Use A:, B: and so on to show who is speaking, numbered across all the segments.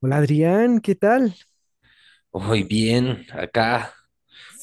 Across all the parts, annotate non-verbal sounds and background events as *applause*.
A: Hola Adrián, ¿qué tal?
B: Hoy bien, acá,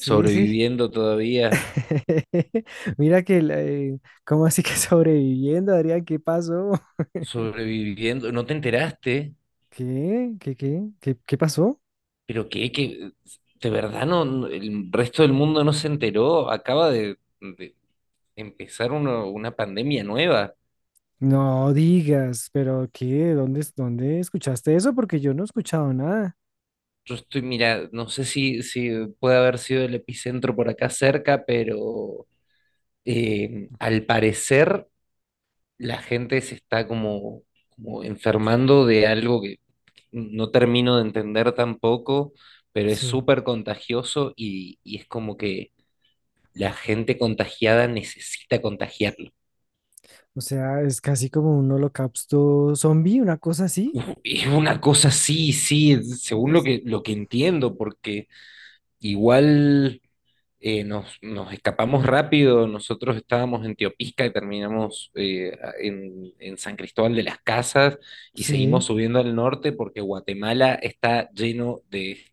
A: Sí, sí.
B: todavía,
A: *laughs* Mira que, ¿cómo así que *laughs* sobreviviendo, Adrián? ¿Qué pasó? *laughs*
B: sobreviviendo. ¿No te enteraste?
A: ¿Qué? ¿Qué? ¿Qué pasó?
B: ¿Pero qué? ¿Qué? ¿De verdad el resto del mundo no se enteró? Acaba de empezar una pandemia nueva.
A: No digas, pero ¿qué? ¿Dónde escuchaste eso? Porque yo no he escuchado nada.
B: Yo estoy, mira, no sé si puede haber sido el epicentro por acá cerca, pero al parecer la gente se está como, como enfermando de algo que no termino de entender tampoco, pero es
A: Sí.
B: súper contagioso y es como que la gente contagiada necesita contagiarlo.
A: O sea, es casi como un holocausto zombie, una cosa así.
B: Uf, es una cosa, sí, sí, según lo
A: Es-
B: que entiendo, porque igual nos escapamos rápido, nosotros estábamos en Teopisca y terminamos en San Cristóbal de las Casas y
A: Sí.
B: seguimos subiendo al norte porque Guatemala está lleno de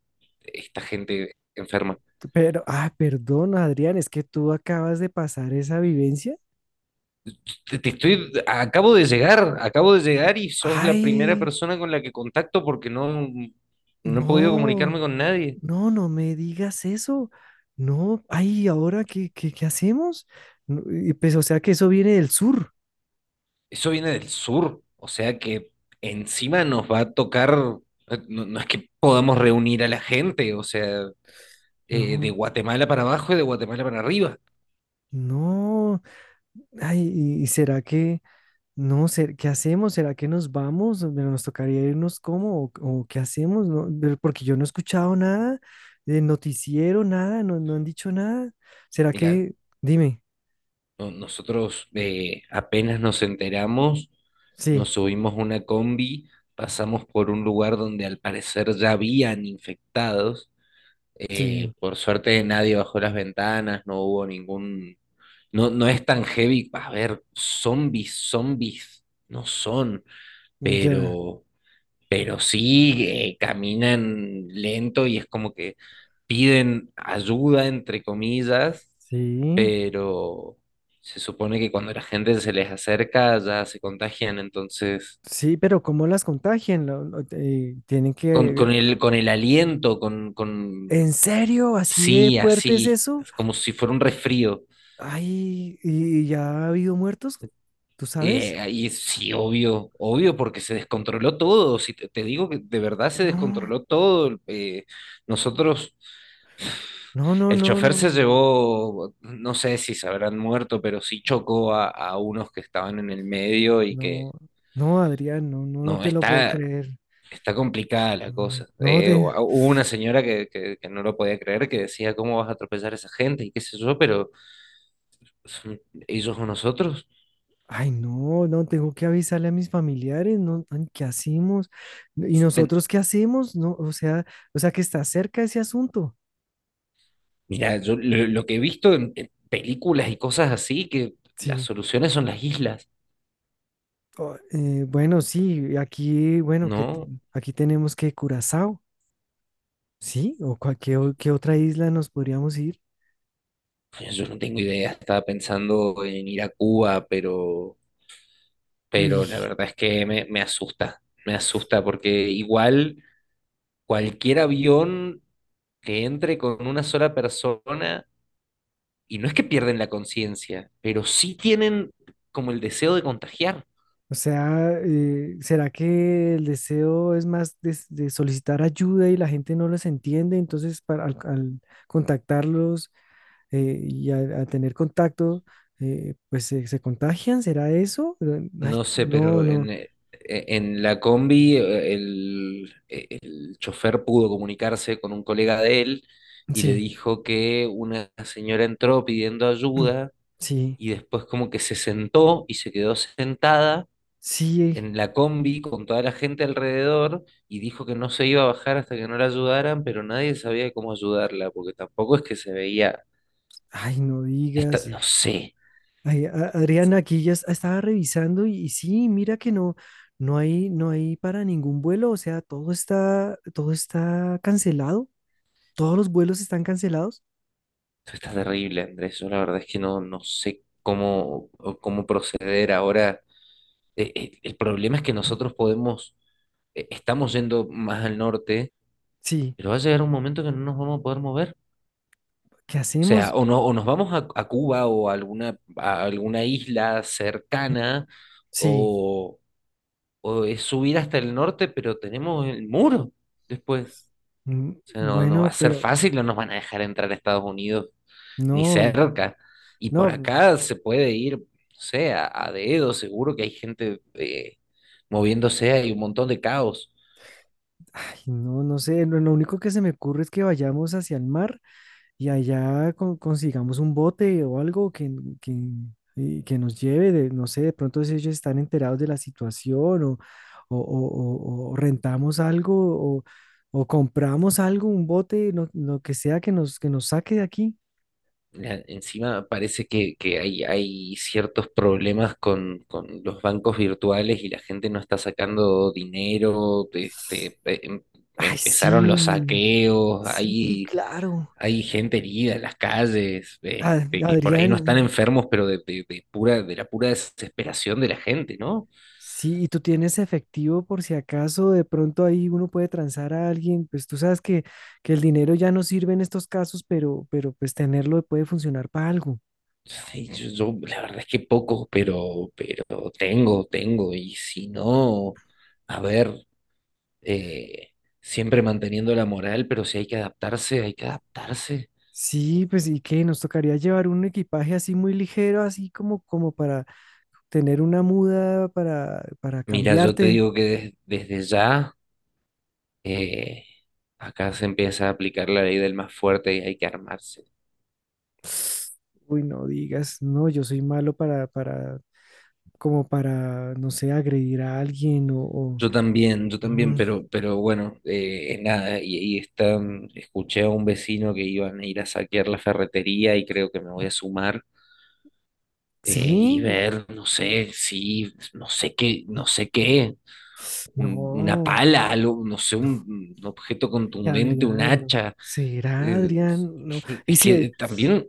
B: esta gente enferma.
A: Pero, ah, perdón, Adrián, es que tú acabas de pasar esa vivencia.
B: Te estoy, acabo de llegar y sos la primera
A: Ay,
B: persona con la que contacto porque no, no he podido
A: no.
B: comunicarme con nadie.
A: No, no me digas eso. No, ay, ¿ahora qué hacemos? No, y pues, o sea que eso viene del sur.
B: Eso viene del sur, o sea que encima nos va a tocar, no, no es que podamos reunir a la gente, o sea, de
A: No,
B: Guatemala para abajo y de Guatemala para arriba.
A: no. Ay, y será que, no, sé, qué hacemos? ¿Será que nos vamos? Pero ¿nos tocaría irnos cómo? O qué hacemos? No, pero porque yo no he escuchado nada de noticiero, nada, no, no han dicho nada. ¿Será
B: Mira,
A: que, dime,
B: nosotros apenas nos enteramos,
A: sí,
B: nos subimos a una combi, pasamos por un lugar donde al parecer ya habían infectados.
A: sí,
B: Por suerte nadie bajó las ventanas, no hubo ningún... No, no es tan heavy, a ver, zombies, zombies, no son,
A: ya.
B: pero pero sí caminan lento y es como que piden ayuda, entre comillas,
A: Sí,
B: pero se supone que cuando la gente se les acerca ya se contagian, entonces
A: sí, pero ¿cómo las contagian? Tienen
B: con,
A: que
B: con el, con el aliento, con
A: ¿En serio? ¿Así de
B: sí,
A: fuerte es
B: así,
A: eso?
B: es como si fuera un resfrío.
A: Ay, ¿y ya ha habido muertos? ¿Tú sabes?
B: Y sí, obvio, obvio, porque se descontroló todo. Si te digo que de verdad se
A: No,
B: descontroló todo. Nosotros
A: no, no,
B: el
A: no,
B: chofer
A: no,
B: se
A: no,
B: llevó, no sé si se habrán muerto, pero sí chocó a unos que estaban en el medio y que
A: no, no, Adrián, no, no, no
B: no,
A: te lo puedo
B: está,
A: creer.
B: está complicada la
A: No,
B: cosa.
A: no te,
B: Hubo una señora que, que no lo podía creer, que decía, ¿cómo vas a atropellar a esa gente? Y qué sé yo, pero son ellos o nosotros.
A: ay, no, no, tengo que avisarle a mis familiares, no, ay, ¿qué hacemos? ¿Y
B: Ten-
A: nosotros qué hacemos? No, o sea que está cerca ese asunto.
B: Mira, yo lo que he visto en películas y cosas así, que las
A: Sí.
B: soluciones son las islas,
A: O- bueno, sí, aquí, bueno, que t-
B: ¿no?
A: aquí tenemos que Curazao. Sí, o cual- qué, o- qué otra isla nos podríamos ir.
B: Yo no tengo idea, estaba pensando en ir a Cuba,
A: Uy,
B: pero la verdad es que me, me asusta porque igual cualquier avión que entre con una sola persona, y no es que pierden la conciencia, pero sí tienen como el deseo de contagiar.
A: o sea, ¿será que el deseo es más de, s- de solicitar ayuda y la gente no los entiende? Entonces, para, al contactarlos y a tener contacto, pues se contagian, ¿será eso? Ay,
B: No sé,
A: no,
B: pero
A: no,
B: en la combi el chofer pudo comunicarse con un colega de él y le
A: sí,
B: dijo que una señora entró pidiendo ayuda
A: *clears throat* sí,
B: y después como que se sentó y se quedó sentada
A: sí,
B: en la combi con toda la gente alrededor y dijo que no se iba a bajar hasta que no la ayudaran, pero nadie sabía cómo ayudarla, porque tampoco es que se veía,
A: ay, no
B: está,
A: digas.
B: no sé,
A: Ay, a- Adriana, aquí ya es- estaba revisando y sí, mira que no, no hay, no hay para ningún vuelo, o sea, todo está cancelado, todos los vuelos están cancelados.
B: está terrible, Andrés, yo la verdad es que no, no sé cómo, cómo proceder ahora. El problema es que nosotros podemos, estamos yendo más al norte,
A: Sí,
B: pero va a llegar un momento que no nos vamos a poder mover.
A: ¿qué
B: O sea,
A: hacemos?
B: o, no, o nos vamos a Cuba o a alguna isla
A: Mm,
B: cercana,
A: sí,
B: o, o es subir hasta el norte, pero tenemos el muro después.
A: mm,
B: O sea, no, no va
A: bueno,
B: a ser
A: pero
B: fácil, no nos van a dejar entrar a Estados Unidos ni
A: no,
B: cerca. Y por
A: no,
B: acá se puede ir, no sé, a dedo, seguro que hay gente moviéndose, hay un montón de caos.
A: ay, no, no sé, lo único que se me ocurre es que vayamos hacia el mar y allá con- consigamos un bote o algo que, y que nos lleve, de, no sé, de pronto si ellos están enterados de la situación o rentamos algo o, o compramos algo, un bote, no- lo que sea que nos saque de aquí.
B: Encima parece que hay ciertos problemas con los bancos virtuales y la gente no está sacando dinero, este,
A: Ay,
B: empezaron
A: sí,
B: los saqueos,
A: sí,
B: hay
A: claro.
B: hay gente herida en las calles, este,
A: A-
B: que por ahí
A: Adrián,
B: no están enfermos, pero de, de pura, de la pura desesperación de la gente, ¿no?
A: sí, y tú tienes efectivo por si acaso de pronto ahí uno puede transar a alguien, pues tú sabes que el dinero ya no sirve en estos casos, pero pues tenerlo puede funcionar para algo.
B: Sí, yo, la verdad es que poco, pero tengo, tengo, y si no, a ver, eh, siempre manteniendo la moral, pero si hay que adaptarse, hay que adaptarse.
A: Sí, pues y qué, nos tocaría llevar un equipaje así muy ligero, así como, como para tener una muda para
B: Mira, yo te
A: cambiarte.
B: digo que desde ya, eh, acá se empieza a aplicar la ley del más fuerte y hay que armarse.
A: *sniffs* Uy, no digas, no, yo soy malo para, como para, no sé, agredir a alguien o-
B: Yo también,
A: mm,
B: pero bueno, nada, y están, escuché a un vecino que iban a ir a saquear la ferretería y creo que me voy a sumar y
A: sí,
B: ver, no sé, si, no sé qué, no sé qué,
A: *sniffs*
B: una
A: no,
B: pala, algo, no sé, un objeto
A: y
B: contundente, un
A: Adrián, no.
B: hacha.
A: ¿Será
B: eh,
A: Adrián? No.
B: yo-
A: Y
B: es
A: si,
B: que también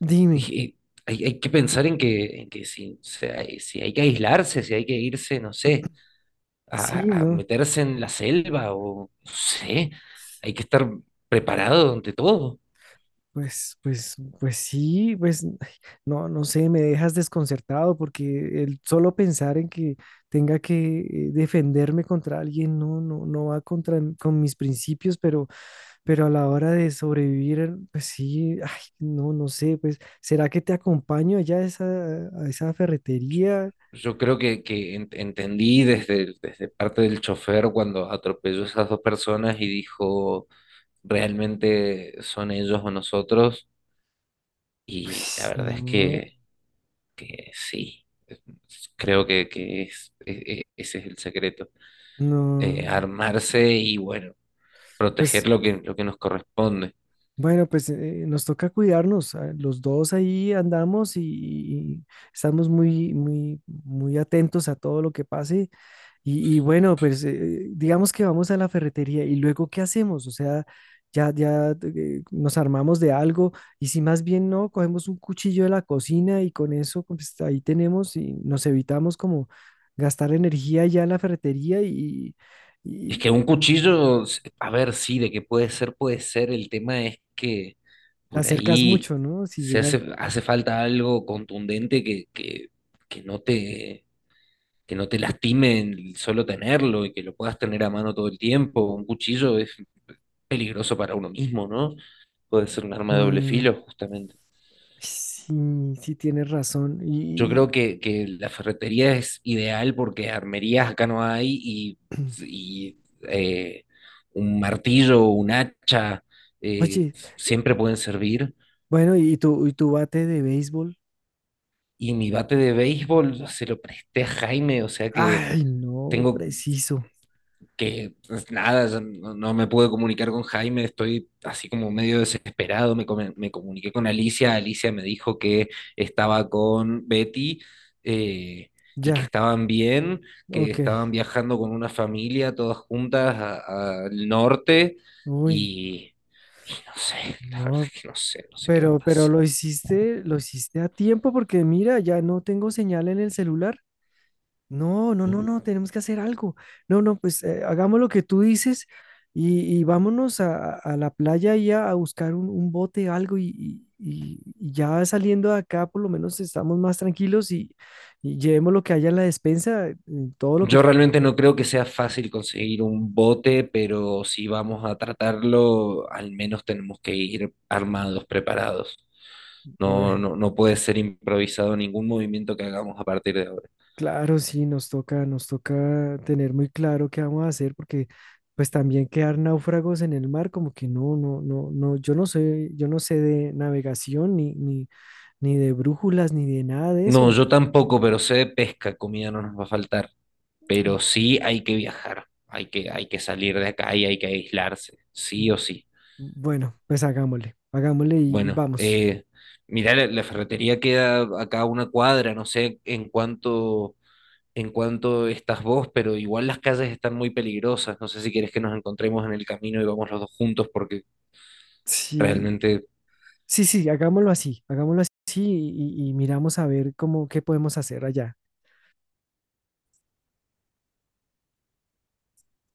A: dime,
B: eh, hay, hay que pensar en que si, si hay que aislarse, si hay que irse, no sé
A: sí,
B: a
A: ¿no?
B: meterse en la selva o no sé, hay que estar preparado ante todo.
A: Pues, pues, pues sí, pues, ay, no, no sé, me dejas desconcertado porque el solo pensar en que tenga que defenderme contra alguien, no, no, no va contra m- con mis principios, pero a la hora de sobrevivir, pues sí, ay, no, no sé, pues, ¿será que te acompaño allá a esa ferretería?
B: Yo creo que entendí desde, desde parte del chofer cuando atropelló a esas dos personas y dijo, ¿realmente son ellos o nosotros? Y la
A: Pues,
B: verdad es
A: no,
B: que sí, creo que es, ese es el secreto.
A: no.
B: Armarse y bueno,
A: Pues
B: proteger lo que nos corresponde.
A: bueno, pues nos toca cuidarnos. Ah, los dos ahí andamos y estamos muy, muy, muy atentos a todo lo que pase. Y bueno, digamos que vamos a la ferretería y luego ¿qué hacemos? O sea, ya nos armamos de algo y si más bien no, cogemos un cuchillo de la cocina y con eso pues, ahí tenemos y nos evitamos como gastar energía ya en la ferretería
B: Es
A: y
B: que un cuchillo, a ver, sí, de que puede ser, puede ser. El tema es que
A: te
B: por
A: acercas
B: ahí
A: mucho, ¿no? Si
B: se
A: llegas...
B: hace, hace falta algo contundente que no te, que no te lastime el solo tenerlo y que lo puedas tener a mano todo el tiempo. Un cuchillo es peligroso para uno mismo, ¿no? Puede ser un arma de doble
A: Mm,
B: filo, justamente.
A: sí, sí tienes razón.
B: Yo
A: Y,
B: creo que la ferretería es ideal porque armerías acá no hay
A: *clears throat*
B: y, eh, un martillo, un hacha, eh,
A: oye,
B: siempre pueden servir.
A: bueno, y tu bate de béisbol.
B: Y mi bate de béisbol se lo presté a Jaime, o sea que
A: Ay, no,
B: tengo
A: preciso.
B: que pues, nada, yo no, no me pude comunicar con Jaime, estoy así como medio desesperado, me, me comuniqué con Alicia, Alicia me dijo que estaba con Betty eh, y que
A: Ya,
B: estaban bien, que
A: ok.
B: estaban viajando con una familia todas juntas al norte
A: Uy,
B: y, y no sé, la verdad
A: no,
B: es que no sé, no sé qué va a
A: pero
B: pasar.
A: lo hiciste a tiempo porque mira, ya no tengo señal en el celular. No, no, no, no, tenemos que hacer algo. No, no, pues hagamos lo que tú dices y vámonos a la playa y a buscar un bote, algo y ya saliendo de acá por lo menos estamos más tranquilos y llevemos lo que haya en la despensa, todo lo que
B: Yo
A: te...
B: realmente no creo que sea fácil conseguir un bote, pero si vamos a tratarlo, al menos tenemos que ir armados, preparados. No,
A: Ué,
B: no, no puede ser improvisado ningún movimiento que hagamos a partir de ahora.
A: claro, sí, nos toca tener muy claro qué vamos a hacer porque pues también quedar náufragos en el mar como que no, no, no, no, yo no sé de navegación ni, ni ni de brújulas, ni de nada de
B: No,
A: eso.
B: yo tampoco, pero sé de pesca, comida no nos va a faltar. Pero sí hay que viajar, hay que salir de acá y hay que aislarse, sí o sí.
A: Bueno, pues hagámosle, hagámosle y
B: Bueno,
A: vamos.
B: mirá, la ferretería queda acá a una cuadra, no sé en cuánto en cuanto estás vos, pero igual las calles están muy peligrosas. No sé si quieres que nos encontremos en el camino y vamos los dos juntos porque
A: Sí,
B: realmente
A: sí, sí, hagámoslo así y miramos a ver cómo, qué podemos hacer allá.